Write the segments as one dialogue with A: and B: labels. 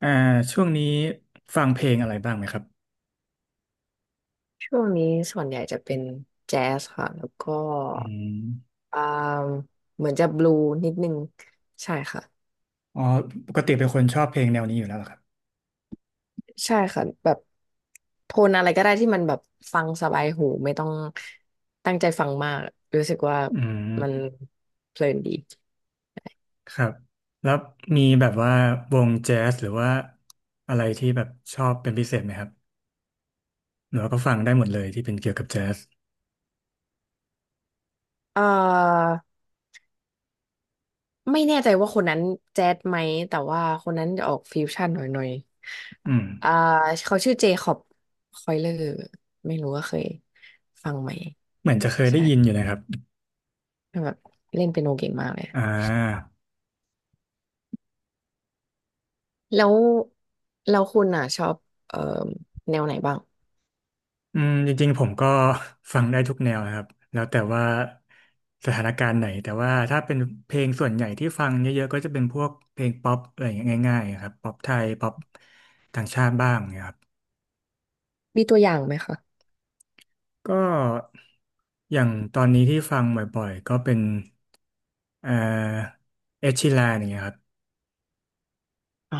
A: อ่าช่วงนี้ฟังเพลงอะไรบ้างไหมครับ
B: ช่วงนี้ส่วนใหญ่จะเป็นแจ๊สค่ะแล้วก็
A: อืม
B: อ่าเหมือนจะบลูนิดนึงใช่ค่ะ
A: อ๋อปกติเป็นคนชอบเพลงแนวนี้อยู่แล้วเหรอครับ
B: ใช่ค่ะแบบโทนอะไรก็ได้ที่มันแบบฟังสบายหูไม่ต้องตั้งใจฟังมากรู้สึกว่า
A: อื
B: มัน
A: ม
B: เพลินดี
A: ครับแล้วมีแบบว่าวงแจ๊สหรือว่าอะไรที่แบบชอบเป็นพิเศษไหมครับหรือว่าก็ฟังได้หมดเลยที่เป็นเกี่ยวกับแจ๊ส
B: เอ่อไม่แน่ใจว่าคนนั้นแจ๊สไหมแต่ว่าคนนั้นจะออกฟิวชั่นหน่อยๆอย
A: อืม
B: อ่าเขาชื่อเจคอบคอยเลอร์ไม่รู้ว่าเคยฟังไหม
A: เหมือนจะเคยได้
B: ใช่
A: ยินอยู่นะครับ
B: แบบเล่นเปียโนเก่งมากเลย
A: อ่า
B: แล้วแล้วคุณอ่ะชอบเอ่อแนวไหนบ้าง
A: จริงๆผมก็ ฟังได้ทุกแนวนะครับแล้วแต่ว่าสถานการณ์ไหนแต่ว่าถ้าเป็นเพลงส่วนใหญ่ที่ฟังเยอะๆก็จะเป็นพวกเพลงป๊อปอะไรอย่างเงี้ยง่ายๆครับป๊อปไทยป๊อปต่างชาติบ้างเนะครับ
B: มีตัวอย่างไหมคะ
A: ก็อย่างตอนนี้ที่ฟังบ่อยๆก็เป็นเอ่อเอชิลานอย่างเงี้ยครับ
B: อ๋อ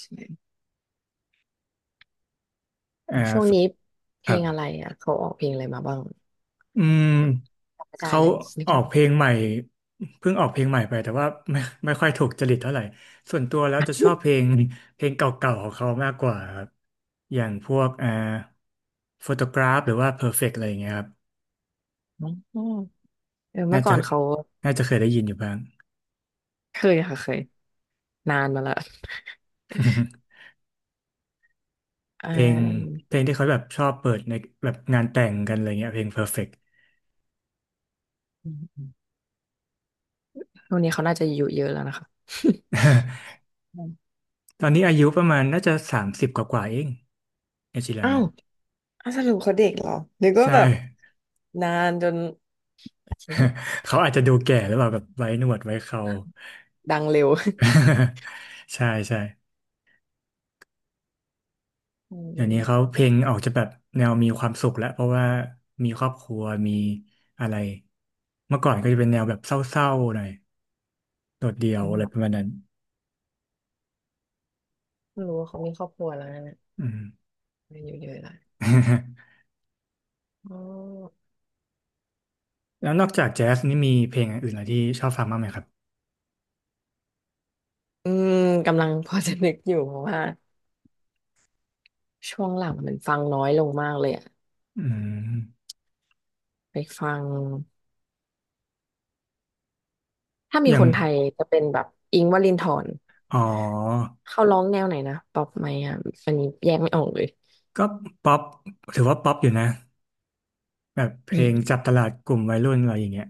B: ใช่
A: เอ่อ
B: ช่วงนี้เพ
A: ค
B: ล
A: รั
B: งอะไร
A: บ
B: อ่ะเขาออกเพลงอะไรมาบ้าง
A: อืม
B: แบบจำไม่ได้
A: เขา
B: เลยนึ
A: อ
B: ก
A: อกเพลงใหม่เพิ่งออกเพลงใหม่ไปแต่ว่าไม่ไม่ค่อยถูกจริตเท่าไหร่ส่วนตัวแล้วจะชอบเพลงเก่าๆของเขามากกว่าครับอย่างพวกโฟโตกราฟหรือว่า Perfect อะไรอย่างเงี้ยครับ
B: ไม่ออกอ๋อเออเมื่
A: น่า
B: อก่อ
A: จะ
B: นเขา
A: น่าจะเคยได้ยินอยู่บ้าง
B: เคยค่ะเคยนานมาละเ
A: เพลง
B: ออ
A: เพลงที่เขาแบบชอบเปิดในแบบงานแต่งกันอะไรเงี้ยเพลง Perfect
B: อืมอืมช่วงนี้เขาน่าจะอายุเยอะแล้วนะคะ อืม
A: ตอนนี้อายุประมาณน่าจะ30กว่าๆเองเอชิลาน
B: อ้าว
A: นะ
B: อ้าวสรุปเขาเด็กเหรอนึกว่า
A: ใช่
B: แบบนานจนโอเค
A: เขาอาจจะดูแก่หรือเปล่าแบบไว้หนวดไว้เครา
B: ดังเร็ว
A: ใช่ใช่
B: อ
A: เดี๋ยวนี้เขา
B: ื
A: เพลงออกจะแบบแนวมีความสุขแล้วเพราะว่ามีครอบครัวมีอะไรเมื่อก่อนก็จะเป็นแนวแบบเศร้าๆหน่อยโดดเดี่ยวอะไรป
B: ม
A: ระมาณนั้น
B: ไม่งรู้ว่าเขามีครอบครัวแล้วนะเนี่ย
A: อืม
B: อายุเยอะแล้ว อ๋อ
A: แล้วนอกจากแจ๊สนี่มีเพลงอื่นอะไรที่ชอบฟังบ้างไหมครับ
B: อืมกำลังพอจะนึกอยู่เพราะว่าช่วงหลังมันฟังน้อยลงมากเลยอะ
A: อืม
B: ไปฟังถ้ามี
A: อย่า
B: ค
A: ง
B: นไทยจะเป็นแบบอิงค์วลินทร
A: อ๋อ
B: เขาร้องแนวไหนนะป๊อปไหมอ่ะอันนี้แยกไม่ออกเลย
A: ก็ป๊อปถือว่าป๊อปอยู่นะแบบเพ
B: อื
A: ลง
B: ม
A: จับตลาดกลุ่มวัยรุ่นอะไรอย่างเงี้ย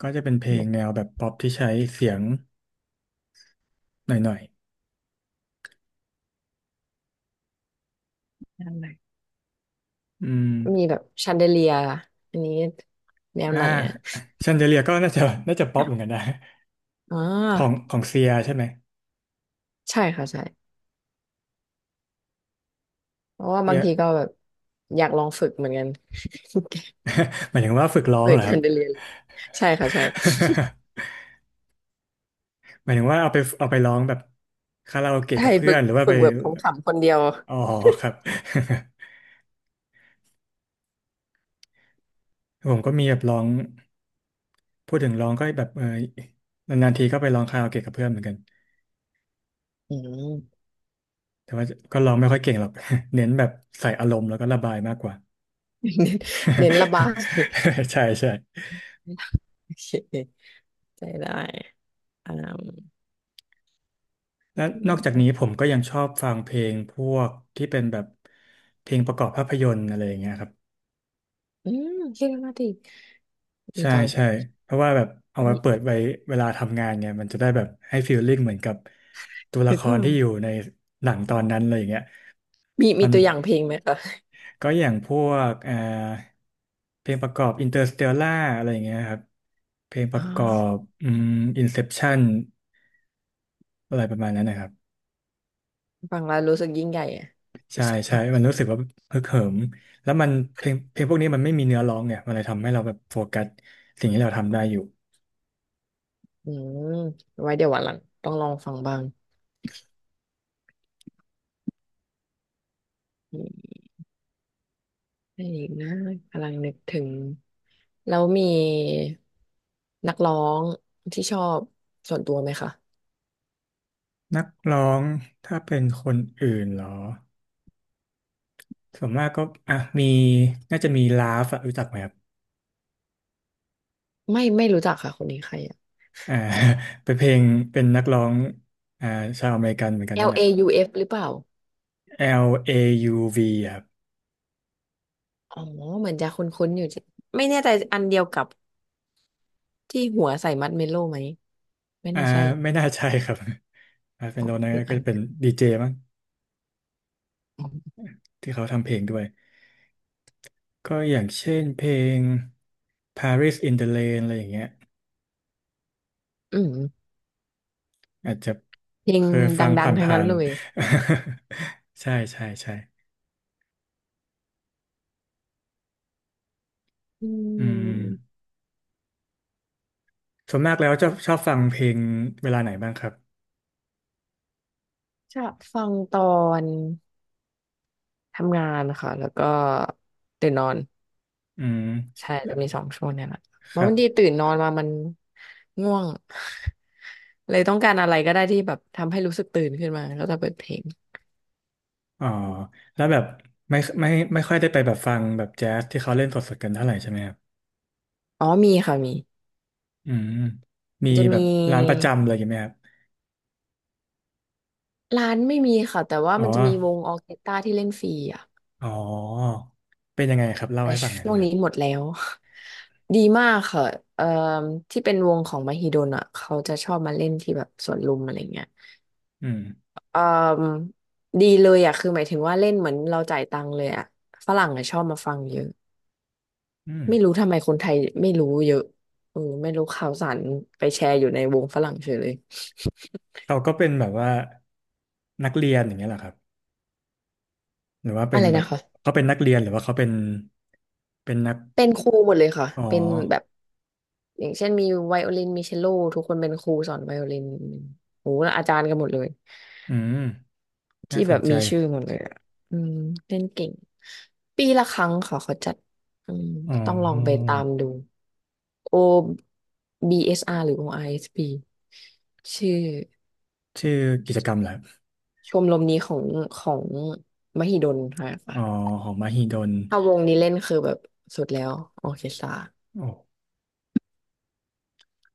A: ก็จะเป็นเพลง
B: แบบ
A: แนวแบบป๊อปที่ใช้เสียงหน่อย
B: แนวไหน
A: ๆอืม
B: มีแบบชันเดเลียอันนี้แนว
A: อ่า
B: ไหนนะ
A: แชนเดเลียก็น่าจะป๊อปเหมือนกันนะ
B: อ๋อ
A: ของเซียใช่ไหม
B: ใช่ค่ะใช่เพราะว่า
A: เซี
B: บาง
A: ย
B: ทีก็แบบอยากลองฝึกเหมือนกัน
A: หมายถึงว่าฝึกร้อง
B: เปิ
A: เห
B: ด
A: รอครั
B: ชั
A: บ
B: นเดเลียเลยใช่ค่ะใช่
A: หมายถึงว่าเอาไปร้องแบบคาราโอเกะ
B: ใช่
A: กับเพื่
B: ฝึ
A: อน
B: ก
A: หรือว่า
B: ฝึ
A: ไป
B: กแบบของขำคนเดียว
A: อ๋อครับ ผมก็มีแบบร้องพูดถึงร้องก็แบบนานๆทีก็ไปร้องคาราโอเกะกับเพื่อนเหมือนกัน
B: อืม
A: แต่ว่าก็ร้องไม่ค่อยเก่งหรอก เน้นแบบใส่อารมณ์แล้วก็ระบายมากกว่า
B: เน้นเน้นระบาย
A: ใช่ใช่
B: โอเคใจได้อ่า
A: และน
B: อื
A: อกจากนี้ผ
B: ม
A: มก็ยังชอบฟังเพลงพวกที่เป็นแบบเพลงประกอบภาพยนตร์อะไรอย่างเงี้ยครับ
B: อืมเรียกมาติดี
A: ใช่
B: จัง
A: ใช่เพราะว่าแบบเอาไว้
B: มี
A: เปิดไว้เวลาทำงานไงมันจะได้แบบให้ฟีลลิ่งเหมือนกับตัวละ
B: ฮึ
A: ค
B: กเหิ
A: ร
B: ม
A: ที่อยู่ในหนังตอนนั้นเลยอย่างเงี้ย
B: มีมี
A: มัน
B: ตัวอย่างเพลงไหมคะ
A: ก็อย่างพวกเพลงประกอบ Interstellar อะไรอย่างเงี้ยครับเพลงป
B: อ๋
A: ระกอ
B: อ
A: บอืม Inception อะไรประมาณนั้นนะครับ
B: ฟังแล้วรู้สึกยิ่งใหญ่อะ
A: ใช่
B: รู้สึกแบ
A: ใช่
B: บ
A: มันรู้สึกว่าฮึกเหิมแล้วมันเพลงพวกนี้มันไม่มีเนื้อร้องเนี่ยมันเลยทำให้เราแบบโฟกัสสิ่งที่เราทำได้อยู่
B: อืมไว้เดี๋ยววันหลังต้องลองฟังบ้างอืมอะไรอีกนะกำลังนึกถึงแล้วมีนักร้องที่ชอบส่วนตัวไหมคะ
A: นักร้องถ้าเป็นคนอื่นเหรอส่วนมากก็อ่ะมีน่าจะมีลาฟอะรู้จักไหมครับ
B: ไม่ไม่รู้จักค่ะคนนี้ใครอะ
A: อ่า เป็นเพลงเป็นนักร้องอ่าชาวอเมริกันเหมือนกันนี่
B: L
A: แหละ
B: A U F หรือเปล่า
A: Lauv อยูวีอะครับ
B: อ๋อ เหมือนจะคุ้นๆอยู่จิไม่แน่ใจอันเดียวกับที่หัวใส่มัดเมโล่ไหม ไม่
A: อ่า
B: น่าใช่
A: ไม่น่าใช่ครับ เป็นโลนะ
B: หรือ
A: ก็
B: อัน
A: จะเป็นดีเจมั้ง
B: อ๋อ
A: ที่เขาทำเพลงด้วยก็อย่างเช่นเพลง Paris in the Rain อะไรอย่างเงี้ย
B: อืม
A: อาจจะ
B: เพลง
A: เคยฟังผ
B: ดังๆ ทั้ง
A: ่า
B: นั้น
A: น
B: เลย
A: ๆ ใช่ใช่ใช่
B: อื
A: อืม
B: ม
A: ส่วนมากแล้วจะชอบฟังเพลงเวลาไหนบ้างครับ
B: ชะฟังตอนทำงานค่ะ แล้วก็ตื่นนอน
A: อืม
B: ใช่
A: แล้ว
B: จะมี2 ช่วงเนี่ยแหละ
A: ค
B: มัน
A: รั
B: บางที
A: บ
B: ตื่นนอนมามันง่วง เลยต้องการอะไรก็ได้ที่แบบทำให้รู้สึกตื่นขึ้นมาก็จะเปิดเพลง
A: อ๋อแล้วแบบไม่ไม่ไม่ค่อยได้ไปแบบฟังแบบแจ๊สที่เขาเล่นสดๆกันเท่าไหร่ใช่ไหมครับ
B: อ๋อมีค่ะมี
A: อืมมี
B: จะ
A: แบ
B: มี
A: บร้านประจำอะไรอย่างไหมครับ
B: ร้านไม่มีค่ะแต่ว่า
A: อ๋อ
B: มันจะมีวงออร์เคสตราที่เล่นฟรีอ่ะ
A: อ๋อเป็นยังไงครับเล่า
B: แต่
A: ให้ฟังหน่อย
B: ช่
A: ได้
B: ว
A: ไห
B: ง
A: มครั
B: นี้
A: บ
B: หมดแล้ว ดีมากค่ะเอ่อที่เป็นวงของมหิดลอ่ะเขาจะชอบมาเล่นที่แบบสวนลุมอะไรเงี้ย
A: อืม
B: เอ่อดีเลยอ่ะคือหมายถึงว่าเล่นเหมือนเราจ่ายตังค์เลยอ่ะฝรั่งอ่ะชอบมาฟังเยอะ
A: อืม
B: ไม่รู้ทำไมคนไทยไม่รู้เยอะเออไม่รู้ข่าวสารไปแชร์อยู่ในวงฝรั่งเฉยเลย
A: เขาก็เป็นแบบว่านักเรียนอย่างเงี้ยเหรอครับ หรือว่าเป็
B: อะ
A: น
B: ไร
A: แบ
B: นะ
A: บ
B: คะ
A: เขาเป็นนักเรียนหรือว่าเขาเป็นนัก
B: เป็นครูหมดเลยค่ะ
A: อ๋อ
B: เป็นแบบ อย่างเช่นมีไวโอลินมีเชลโลทุกคนเป็นครูสอนไวโอลินโอ้โหแล้วอาจารย์กันหมดเลย
A: อืมน่า
B: ที่
A: ส
B: แบ
A: น
B: บ
A: ใจ
B: มีชื่อหมดเลยอะอืมเล่นเก่งปีละครั้งค่ะเขาจัดอืม
A: อ๋
B: ต้องลองไป
A: อ
B: ตามดู O BSR หรือ o i s ีชื่อ
A: ชื่อกิจกรรมแหละ
B: ชมรมนี้ของของมหิดลค่ะ
A: อ๋อของมหิดล
B: ถ้าวงนี้เล่นคือแบบสุดแล้วออร์เคสตรา
A: โอ้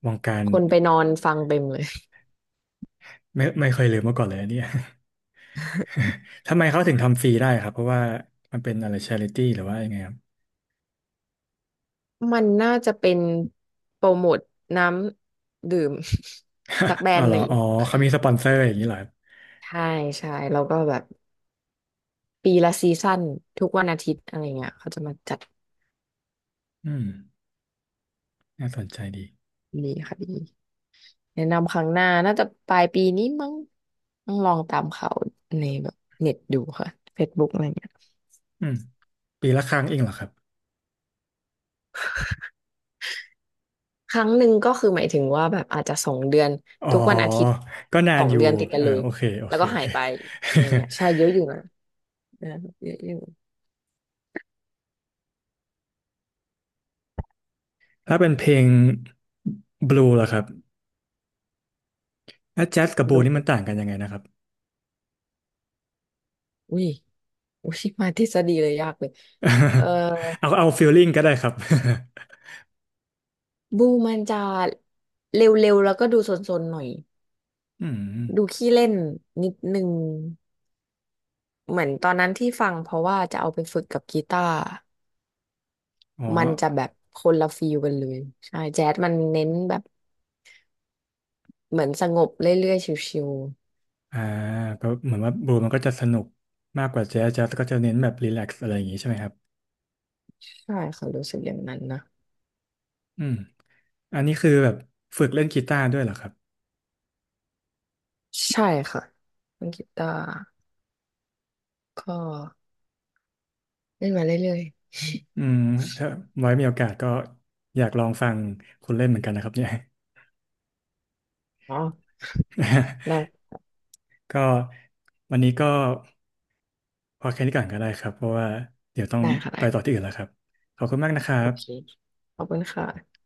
A: วงการ
B: คนไปนอนฟังเต็มเลย
A: ไม่เคยลืมมาก่อนเลยอันเนี่ย ทำไมเขาถึงทำฟรีได้ครับเพราะว่ามันเป็นอะไรชาริตี้หรือว่ายังไงครับ
B: มันน่าจะเป็นโปรโมทน้ำดื่ม สักแบร
A: อ๋อ
B: นด์
A: เหร
B: ห
A: อ
B: นึ่ง
A: อ๋อเขามีสปอนเซอร์อย่างนี้เหรอครับ
B: ใช่ใช่แล้วก็แบบปีละซีซั่นทุกวันอาทิตย์อะไรเงี้ยเขาจะมาจัด
A: อืมน่าสนใจดี
B: ดีค่ะดีแนะนำครั้งหน้าน่าจะปลายปีนี้มั้งต้องลองตามเขาในแบบเน็ตดูค่ะเฟซบุ o กอะไรเงี้ย
A: อืมปีละครั้งเองเหรอครับ
B: ครั้งหนึ่งก็คือหมายถึงว่าแบบอาจจะสองเดือน
A: อ๋
B: ทุกวันอาทิตย์
A: อก็นา
B: สอ
A: น
B: ง
A: อยู่
B: เดือนติดกัน
A: เออ
B: เลย
A: โอเคโอ
B: แล้ว
A: เค
B: ก็หายไปอะไรเงี้ยใช่ เยอะอยู่นะเออเยอะอยู่
A: ถ้าเป็นเพลงบลูล่ะครับแล้วแจ๊สกับบลู
B: ดู
A: นี่มันต่างกันยังไงนะครับ
B: อุ้ยอุ้ยมาทฤษฎีเลยยากเลยเอ่อ
A: เอาฟีลลิ่งก็ได้ครับ
B: บูมันจะเร็วๆแล้วก็ดูซนๆหน่อย
A: อืม
B: ดูขี้เล่นนิดนึงเหมือนตอนนั้นที่ฟังเพราะว่าจะเอาไปฝึกกับกีตาร์
A: อ๋อ
B: มันจะแบบคนละฟีลกันเลยใช่แจ๊สมันเน้นแบบเหมือนสงบเรื่อยๆชิว
A: อ่าก็เหมือนว่าบลูมันก็จะสนุกมากกว่าแจ๊สแจ๊สก็จะเน้นแบบรีแลกซ์อะไรอย่างงี้ใช่ไหมครับ
B: ๆใช่ค่ะรู้สึกอย่างนั้นนะ
A: อืมอันนี้คือแบบฝึกเล่นกีตาร์ด้วยเหรอครับ
B: ใช่ค่ะเล่นกีตาร์ก็เล่นมาเรื่อย
A: อืมถ้าไว้มีโอกาสก็อยากลองฟังคุณเล่นเหมือนกันนะครับเนี่ย
B: ๆอ๋อได้
A: ก็วันนี้ก็ พอแค่นี้ก่อนก็ได้ครับเพราะว่าเดี๋ยวต้อง
B: ได้ค่ะ
A: ไป
B: ได้
A: ต่อที่อื่นแล้วครับ ขอบคุณมากนะครั
B: โอ
A: บ
B: เคขอบคุณค่ะ